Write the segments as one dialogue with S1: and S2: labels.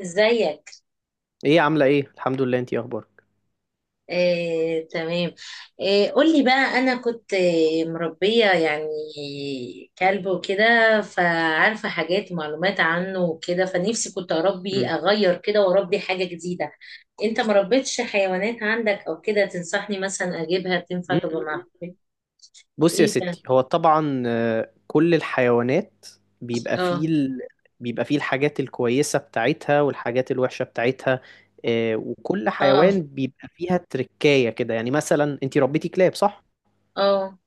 S1: ازيك؟
S2: ايه، عامله ايه؟ الحمد لله. انتي إيه اخبارك؟
S1: آه، تمام. آه، قولي بقى. انا كنت مربية يعني كلب وكده. فعارفة حاجات معلومات عنه وكده، فنفسي كنت اربي
S2: مم.
S1: اغير كده واربي حاجة جديدة. انت مربيتش حيوانات عندك او كده تنصحني مثلا اجيبها تنفع
S2: مم، مم،
S1: تبقى
S2: مم.
S1: معاك؟
S2: بص يا
S1: ايه ده؟
S2: ستي، هو طبعا كل الحيوانات بيبقى
S1: اه،
S2: فيه ال... بيبقى فيه الحاجات الكويسه بتاعتها والحاجات الوحشه بتاعتها. وكل حيوان
S1: اه،
S2: بيبقى فيها تركايه كده. يعني مثلا انتي ربيتي كلاب، صح؟
S1: اه.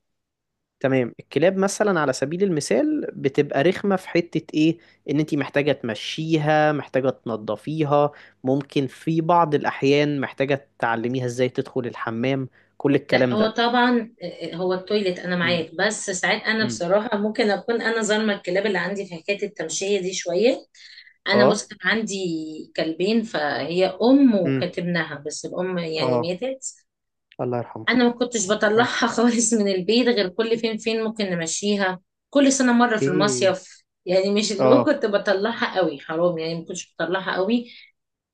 S2: تمام، الكلاب مثلا على سبيل المثال بتبقى رخمه في حته ايه، ان انتي محتاجه تمشيها، محتاجه تنضفيها، ممكن في بعض الاحيان محتاجه تعلميها ازاي تدخل الحمام. كل
S1: لا،
S2: الكلام
S1: هو
S2: ده.
S1: طبعا هو التويليت انا
S2: امم.
S1: معاك، بس ساعات انا
S2: امم.
S1: بصراحة ممكن اكون انا ظالمة الكلاب اللي عندي في حكاية التمشية دي شوية. انا
S2: اه.
S1: بص، كان عندي كلبين، فهي ام
S2: امم.
S1: وكاتبناها، بس الام يعني
S2: اه.
S1: ماتت.
S2: الله يرحمه.
S1: انا ما كنتش
S2: اه.
S1: بطلعها خالص من البيت، غير كل فين فين ممكن نمشيها. كل سنه مره في
S2: اوكي.
S1: المصيف، يعني مش اللي هو
S2: اه.
S1: كنت بطلعها قوي، حرام، يعني ما كنتش بطلعها قوي.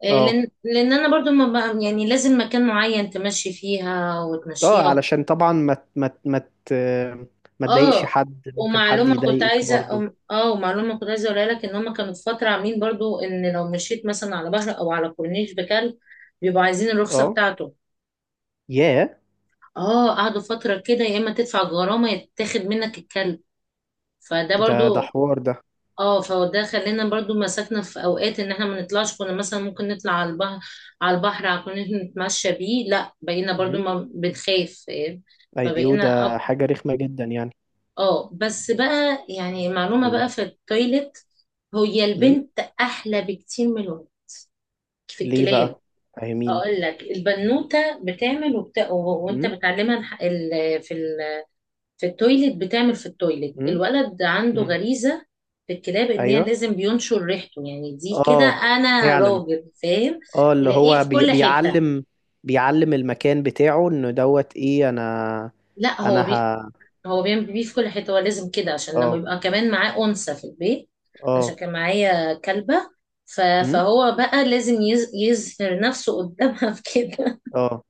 S1: آه،
S2: اه.
S1: لان لان انا برضو ما بقى يعني لازم مكان معين تمشي فيها
S2: اه،
S1: وتمشيها.
S2: علشان طبعا ت- ما تضايقش
S1: اه،
S2: حد، ممكن حد يضايقك برضو.
S1: ومعلومة كنت عايزة اقولها لك ان هم كانوا في فترة عاملين برضو ان لو مشيت مثلا على بحر او على كورنيش بكلب، بيبقوا عايزين الرخصة
S2: اه.
S1: بتاعته.
S2: ياه.
S1: اه، قعدوا فترة كده، يا اما تدفع الغرامة يا تاخد منك الكلب. فده
S2: ده
S1: برضو.
S2: حوار ده.
S1: اه، فده خلينا برضو مسكنا في اوقات ان احنا ما نطلعش، كنا مثلا ممكن نطلع على البحر على الكورنيش نتمشى بيه. لا، بقينا برضو
S2: امم.
S1: ما بنخاف، فاهم؟
S2: ايوه،
S1: فبقينا.
S2: ده حاجة رخمة جدا يعني.
S1: اه، بس بقى يعني معلومة
S2: امم.
S1: بقى في التويلت، هي
S2: امم.
S1: البنت أحلى بكتير من الولد في
S2: ليه
S1: الكلاب.
S2: بقى؟ فاهميني.
S1: أقول لك، البنوتة بتعمل وأنت
S2: امم.
S1: بتعلمها في التويلت، بتعمل في التويلت.
S2: امم.
S1: الولد عنده
S2: امم.
S1: غريزة في الكلاب، إن هي
S2: ايوه.
S1: لازم بينشر ريحته، يعني دي كده
S2: اه،
S1: أنا
S2: فعلا.
S1: راجل فاهم.
S2: اه، اللي
S1: تلاقيه
S2: هو
S1: في كل حتة.
S2: بيعلم المكان بتاعه، انه دوت ايه. انا
S1: لا،
S2: انا ه
S1: هو بيعمل بيه في كل حتة، هو لازم كده عشان لما
S2: اه.
S1: يبقى كمان معاه أنثى في البيت. عشان
S2: اه.
S1: كان معايا كلبة. ف-
S2: امم.
S1: فهو بقى لازم يظهر نفسه قدامها، في كده.
S2: اه.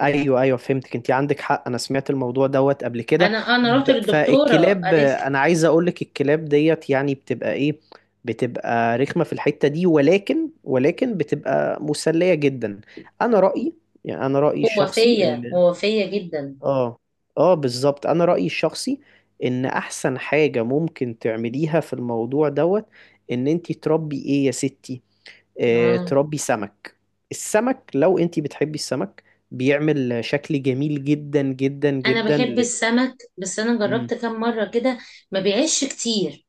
S2: ايوه، ايوه، فهمتك، انت عندك حق. انا سمعت الموضوع دوت قبل كده.
S1: أنا رحت للدكتورة
S2: فالكلاب
S1: قالت لي.
S2: انا عايز اقولك، الكلاب ديت يعني بتبقى ايه، بتبقى رخمة في الحتة دي، ولكن بتبقى مسلية جدا. انا رأيي، يعني انا رأيي
S1: هو
S2: الشخصي
S1: فيا،
S2: ان
S1: هو فيا جدا.
S2: اه. اه، بالظبط. انا رأيي الشخصي ان احسن حاجة ممكن تعمليها في الموضوع دوت ان انتي تربي ايه يا ستي، اه،
S1: آه.
S2: تربي سمك. السمك، لو انتي بتحبي السمك، بيعمل شكل جميل جدا جدا
S1: أنا
S2: جدا
S1: بحب السمك، بس أنا
S2: مم.
S1: جربت كام مرة كده ما بيعيش كتير.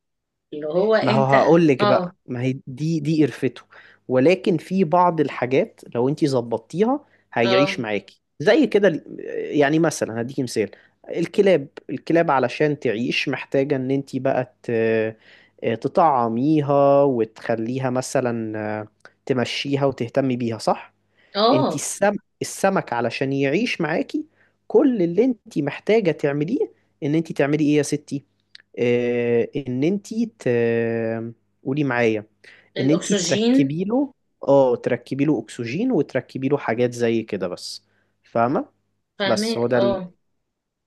S1: اللي هو
S2: ما هو
S1: أنت.
S2: هقول لك بقى،
S1: اه،
S2: ما هي دي قرفته، ولكن في بعض الحاجات لو انت ظبطتيها هيعيش
S1: اه،
S2: معاكي زي كده يعني مثلا هديكي مثال. الكلاب علشان تعيش محتاجة ان انت بقى تطعميها وتخليها، مثلا تمشيها وتهتمي بيها، صح؟ انت
S1: اه.
S2: السم السمك علشان يعيش معاكي، كل اللي انت محتاجة تعمليه ان انت تعملي ايه يا ستي، ان انتي قولي معايا، ان انتي
S1: الأكسجين.
S2: تركبي له، اه، تركبي له اكسجين، وتركبي له حاجات زي كده بس. فاهمة؟ بس
S1: فاهمك،
S2: هو ده
S1: اه.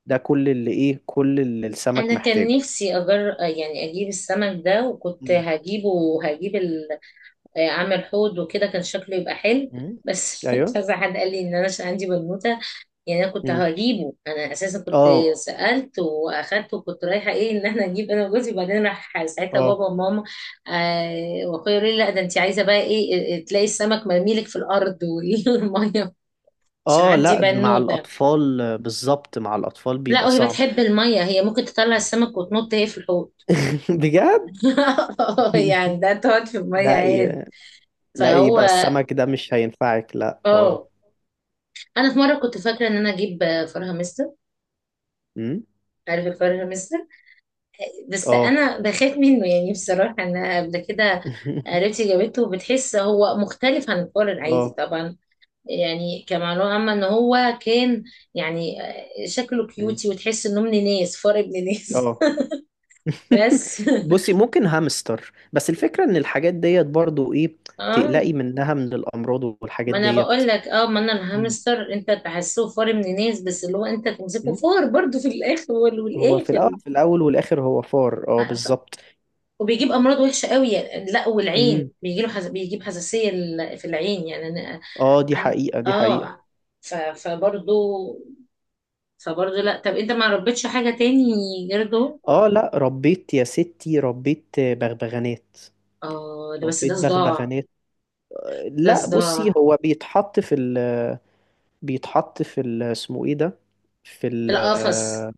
S2: ده كل اللي ايه، كل اللي السمك
S1: انا كان
S2: محتاجه.
S1: نفسي يعني اجيب السمك ده، وكنت
S2: مم.
S1: هجيبه وهجيب ال... آه، اعمل حوض وكده كان شكله يبقى حلو.
S2: مم.
S1: بس
S2: ايوه.
S1: كذا حد قال لي ان انا عشان عندي بنوته، يعني انا كنت
S2: مم.
S1: هجيبه، انا اساسا كنت
S2: اه.
S1: سالت واخدت، وكنت رايحه ايه، ان احنا نجيب انا وجوزي، وبعدين راح ساعتها
S2: اه.
S1: بابا وماما. آه، واخويا يقول لي لا، ده انت عايزه بقى ايه، إيه، تلاقي السمك مرميلك في الارض والميه. عشان
S2: اه،
S1: عندي
S2: لا، ده مع
S1: بنوته،
S2: الاطفال، بالظبط مع الاطفال
S1: لا
S2: بيبقى
S1: وهي
S2: صعب.
S1: بتحب الميه، هي ممكن تطلع السمك وتنط هي في الحوض.
S2: بجد.
S1: يعني ده تقعد في المية
S2: لا
S1: عادي.
S2: لا،
S1: فهو.
S2: يبقى السمك ده مش هينفعك، لا، اه.
S1: اه، انا في مره كنت فاكره ان انا اجيب فرخه مستر.
S2: مم.
S1: عارف الفرخه مستر؟ بس
S2: اه.
S1: انا بخاف منه يعني، بصراحه انا قبل كده قريبتي جابته وبتحس هو مختلف عن الفار العادي
S2: اه.
S1: طبعا. يعني كمعلومه عامه ان هو كان يعني شكله كيوتي، وتحس انه ابن ناس، فار ابن ناس.
S2: اه.
S1: بس.
S2: بصي، ممكن هامستر، بس الفكرة ان الحاجات ديت برضو ايه،
S1: اه،
S2: تقلقي منها من الامراض والحاجات
S1: ما انا
S2: ديت.
S1: بقول لك، ما انا
S2: مم.
S1: الهامستر انت تحسه فار من ناس، بس اللي هو انت تمسكه
S2: مم.
S1: فار برضو في الاخر
S2: هو في
S1: والاخر.
S2: الاول، في الاول والاخر هو فار، اه
S1: ف-
S2: بالظبط.
S1: وبيجيب امراض وحشه قوي يعني، لا
S2: مم.
S1: والعين بيجي له بيجيب حساسيه في العين يعني انا.
S2: اه، دي
S1: عن...
S2: حقيقة، دي حقيقة.
S1: اه. ف... فبرضو فبرضو. لا، طب انت ما ربيتش حاجه تاني غير دول؟
S2: اه، لا، ربيت يا ستي، ربيت بغبغانات.
S1: اه، ده بس
S2: ربيت
S1: ده صداع.
S2: بغبغانات.
S1: ده
S2: لا بصي،
S1: صداع.
S2: هو بيتحط في ال، بيتحط في ال اسمه ايه ده، في ال،
S1: القفص.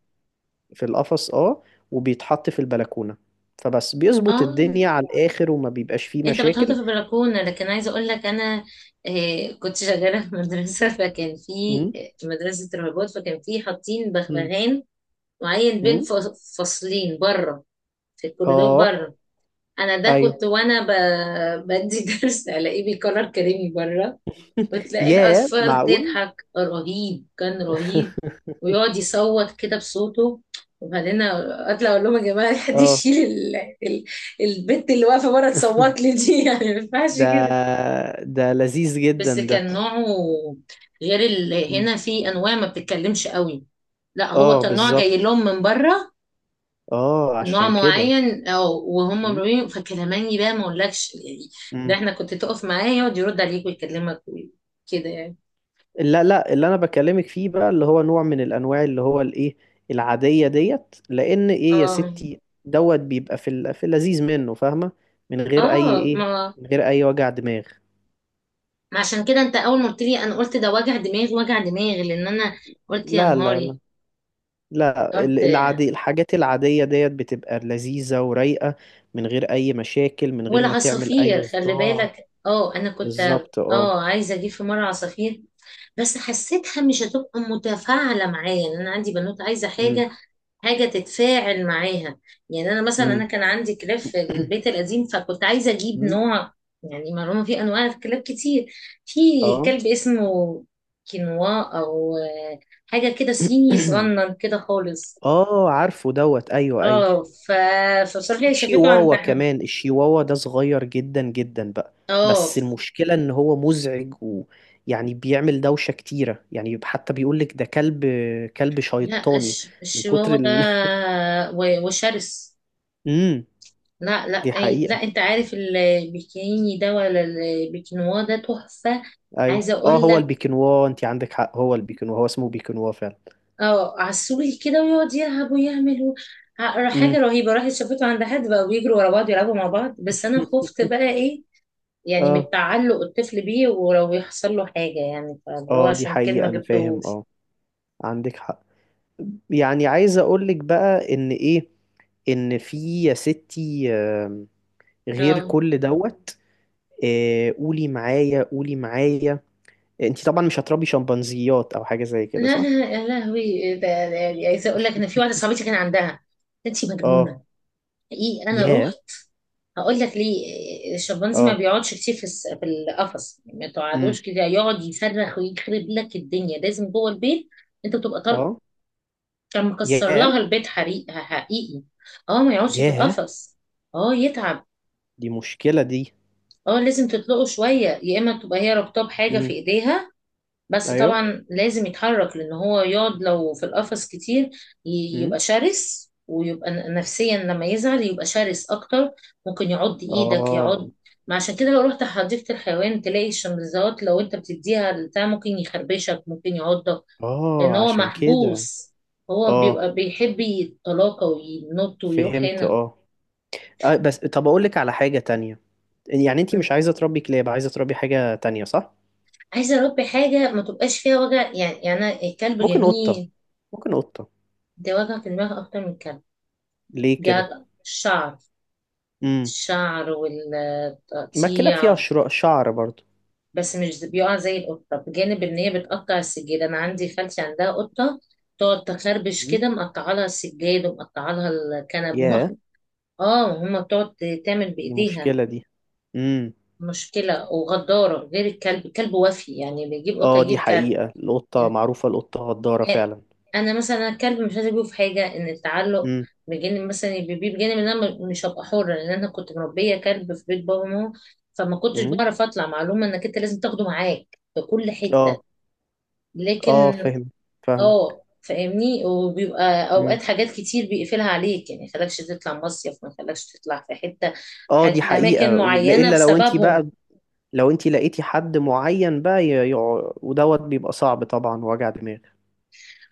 S2: في القفص اه، وبيتحط في البلكونة. فبس بيظبط
S1: اه،
S2: الدنيا على الآخر وما بيبقاش فيه
S1: انت بتحط
S2: مشاكل.
S1: في البلكونه، لكن عايزه اقول لك انا كنت شغاله في مدرسه، فكان في
S2: امم.
S1: مدرسه رهبات، فكان في حاطين
S2: امم.
S1: بغبغان معين بين
S2: امم.
S1: فصلين بره، في الكوريدور
S2: اه.
S1: بره. انا ده
S2: ايوه.
S1: كنت وانا بدي درس، الاقيه بيكرر كلامي بره. وتلاقي
S2: ياه،
S1: الاطفال
S2: معقول؟
S1: تضحك رهيب، كان رهيب، ويقعد يصوت كده بصوته. وبعدين اطلع اقول لهم يا جماعه، حد
S2: اه.
S1: يشيل ال- البنت اللي واقفه بره تصوت لي دي، يعني ما ينفعش
S2: ده
S1: كده.
S2: ده لذيذ
S1: بس
S2: جدا ده.
S1: كان نوعه غير
S2: مم.
S1: هنا في انواع ما بتتكلمش قوي. لا، هو
S2: اه،
S1: كان نوع جاي
S2: بالظبط.
S1: لهم من بره،
S2: اه
S1: نوع
S2: عشان كده.
S1: معين، او وهم
S2: مم.
S1: مرميين فكلماني بقى ما اقولكش يعني. ده
S2: مم.
S1: احنا كنت تقف معاه يقعد يرد عليك ويكلمك كده يعني.
S2: لا لا، اللي انا بكلمك فيه بقى اللي هو نوع من الانواع اللي هو الايه، العاديه ديت، لان ايه يا
S1: اه،
S2: ستي دوت بيبقى في في اللذيذ منه، فاهمه؟ من غير اي
S1: اه.
S2: ايه،
S1: ما
S2: من غير اي وجع دماغ.
S1: ما عشان كده انت اول ما قلت لي، انا قلت ده وجع دماغ، وجع دماغ، لان انا قلت يا
S2: لا لا
S1: نهاري.
S2: لا، لا
S1: قلت
S2: العادي، الحاجات العاديه ديت بتبقى لذيذه ورايقه، من غير اي مشاكل، من غير ما تعمل اي
S1: والعصافير خلي
S2: صداع.
S1: بالك. اه انا كنت
S2: بالظبط اه.
S1: اه عايزه اجيب في مره عصافير، بس حسيتها مش هتبقى متفاعله معايا، يعني انا عندي بنوت عايزه
S2: امم.
S1: حاجه تتفاعل معاها. يعني انا مثلا انا
S2: امم.
S1: كان عندي كلاب في البيت القديم، فكنت عايزه اجيب
S2: أمم.
S1: نوع. يعني معلومه، في انواع كلاب كتير. في
S2: اه.
S1: كلب اسمه كينوا، او حاجه كده صيني صغنن كده خالص.
S2: اه، عارفه دوت، ايوه ايوه.
S1: اه،
S2: في
S1: فبصراحه شافته
S2: شيواوا
S1: عندها.
S2: كمان، الشيواوا ده صغير جدا جدا بقى،
S1: اه،
S2: بس المشكلة ان هو مزعج ويعني بيعمل دوشة كتيرة، يعني حتى بيقولك ده كلب، كلب
S1: لا
S2: شيطاني، من كتر
S1: الشواوة ده
S2: ال.
S1: وشرس.
S2: امم.
S1: لا، لا،
S2: دي حقيقة.
S1: لا انت عارف البيكيني ده ولا البيكنوا ده تحفة.
S2: ايوه
S1: عايزة
S2: اه،
S1: اقول
S2: هو
S1: لك،
S2: البيكنوا انت عندك حق، هو البيكنوا هو اسمه بيكنوا فعلا.
S1: اه، عسولي كده ويقعد يلعب ويعمل حاجة
S2: امم.
S1: رهيبة. راحت شافته عند حد بقى بيجروا ورا بعض يلعبوا مع بعض، بس انا خفت بقى ايه يعني، من
S2: اه.
S1: تعلق الطفل بيه، ولو يحصل له حاجة يعني، فاللي هو
S2: اه دي
S1: عشان كده ما
S2: حقيقة، انا فاهم
S1: جبتهوش.
S2: اه، عندك حق. يعني عايز اقولك بقى ان ايه، ان في يا ستي غير
S1: اه،
S2: كل دوت، قولي معايا، قولي معايا، انت طبعا مش هتربي شمبانزيات او حاجه زي كده،
S1: لا،
S2: صح؟
S1: لا، يا لهوي عايزة اقول لك، انا في واحدة صاحبتي كان عندها. انتي
S2: اه.
S1: مجنونة. حقيقي انا
S2: ياه.
S1: رحت. هقول لك ليه. الشمبانزي ما
S2: اه.
S1: بيقعدش كتير في في القفص. ما
S2: امم.
S1: تقعدوش كده يقعد يصرخ ويخرب لك الدنيا، لازم جوه البيت. انت تبقى طالع.
S2: اه.
S1: كان مكسر لها
S2: ياه.
S1: البيت، حقيقي، حقيقي. اه، ما يقعدش في
S2: ياه،
S1: القفص. اه، يتعب.
S2: دي مشكله دي.
S1: اه، لازم تطلقه شويه يا اما تبقى هي رابطاه بحاجه في
S2: امم.
S1: ايديها. بس
S2: ايوه.
S1: طبعا لازم يتحرك، لان هو يقعد لو في القفص كتير يبقى
S2: امم.
S1: شرس، ويبقى نفسيا لما يزعل يبقى شرس اكتر. ممكن يعض ايدك،
S2: اه.
S1: يعض. ما عشان كده لو رحت حديقة الحيوان تلاقي الشمبانزيات، لو انت بتديها البتاع ممكن يخربشك، ممكن يعضك، لان
S2: اه
S1: هو
S2: عشان كده.
S1: محبوس. هو
S2: اه،
S1: بيبقى بيحب يتلاقى وينط ويروح
S2: فهمت
S1: هنا.
S2: اه. بس طب اقول لك على حاجه تانية، يعني انت
S1: م.
S2: مش عايزه تربي كلاب، عايزه تربي حاجه تانية، صح؟
S1: عايزة اربي حاجة ما تبقاش فيها وجع يعني أنا الكلب
S2: ممكن قطه،
S1: جميل،
S2: ممكن قطه.
S1: ده وجع في دماغ اكتر من الكلب.
S2: ليه كده؟
S1: بيعض الشعر.
S2: امم.
S1: الشعر
S2: ما الكلاب فيها
S1: والتقطيع.
S2: شعر برضو.
S1: بس مش بيقع زي القطة، بجانب ان هي بتقطع السجاد. انا عندي خالتي عندها قطة تقعد تخربش
S2: امم.
S1: كده، مقطعة لها السجاد ومقطعة لها الكنب.
S2: ياه،
S1: اه، هما بتقعد تعمل
S2: دي
S1: بايديها.
S2: مشكلة دي. امم.
S1: مشكلة وغدارة غير الكلب وفي يعني بيجيب قطة
S2: اه، دي
S1: يجيب كلب.
S2: حقيقة، القطة معروفة، القطة غدارة فعلا.
S1: انا مثلا الكلب مش عايزه اجيبه في حاجه، ان التعلق،
S2: امم.
S1: بجانب مثلا بيبيه، بجانب ان انا مش هبقى حره، لان انا كنت مربيه كلب في بيت بابا وماما، فما كنتش
S2: امم.
S1: بعرف اطلع. معلومه انك انت لازم تاخده معاك في كل حته.
S2: اه.
S1: لكن.
S2: اه، فاهم، فاهم.
S1: اه، فاهمني، وبيبقى
S2: امم.
S1: اوقات حاجات كتير بيقفلها عليك، يعني ما يخلكش تطلع مصيف، ما يخلكش تطلع في حته،
S2: اه، دي
S1: اماكن
S2: حقيقة،
S1: معينه
S2: الا لو انتي بقى،
S1: بسببهم.
S2: لو انتي لقيتي حد معين بقى ودوت بيبقى صعب طبعا، وجع دماغ.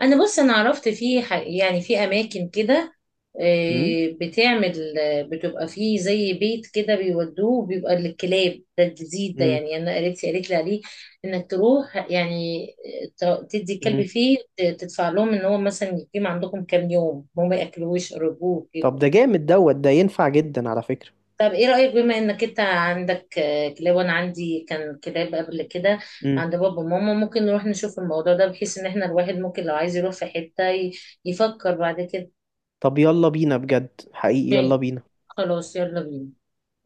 S1: انا بص انا عرفت يعني في اماكن كده،
S2: امم.
S1: آه، بتعمل آه، بتبقى فيه زي بيت كده بيودوه، بيبقى للكلاب، ده الجديد ده.
S2: امم.
S1: يعني انا قريتي قالت لي عليه انك تروح يعني، تدي الكلب
S2: امم.
S1: فيه، تدفع لهم ان هو مثلا يقيم عندكم كام يوم، هم ما ياكلوش يقربوه
S2: طب
S1: كده.
S2: ده جامد دوت، ده ينفع جدا على فكرة.
S1: طب ايه رأيك، بما انك انت عندك كلاب وانا عندي كان كلاب قبل كده
S2: امم.
S1: عند بابا وماما، ممكن نروح نشوف الموضوع ده، بحيث ان احنا الواحد ممكن لو عايز يروح في حتة يفكر بعد كده.
S2: طب يلا بينا، بجد حقيقي يلا
S1: م-
S2: بينا.
S1: خلاص، يلا بينا.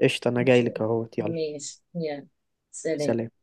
S2: قشطة، انا
S1: ماشي.
S2: جايلك اهوت، يلا.
S1: ماشي، يلا. سلام.
S2: سلام.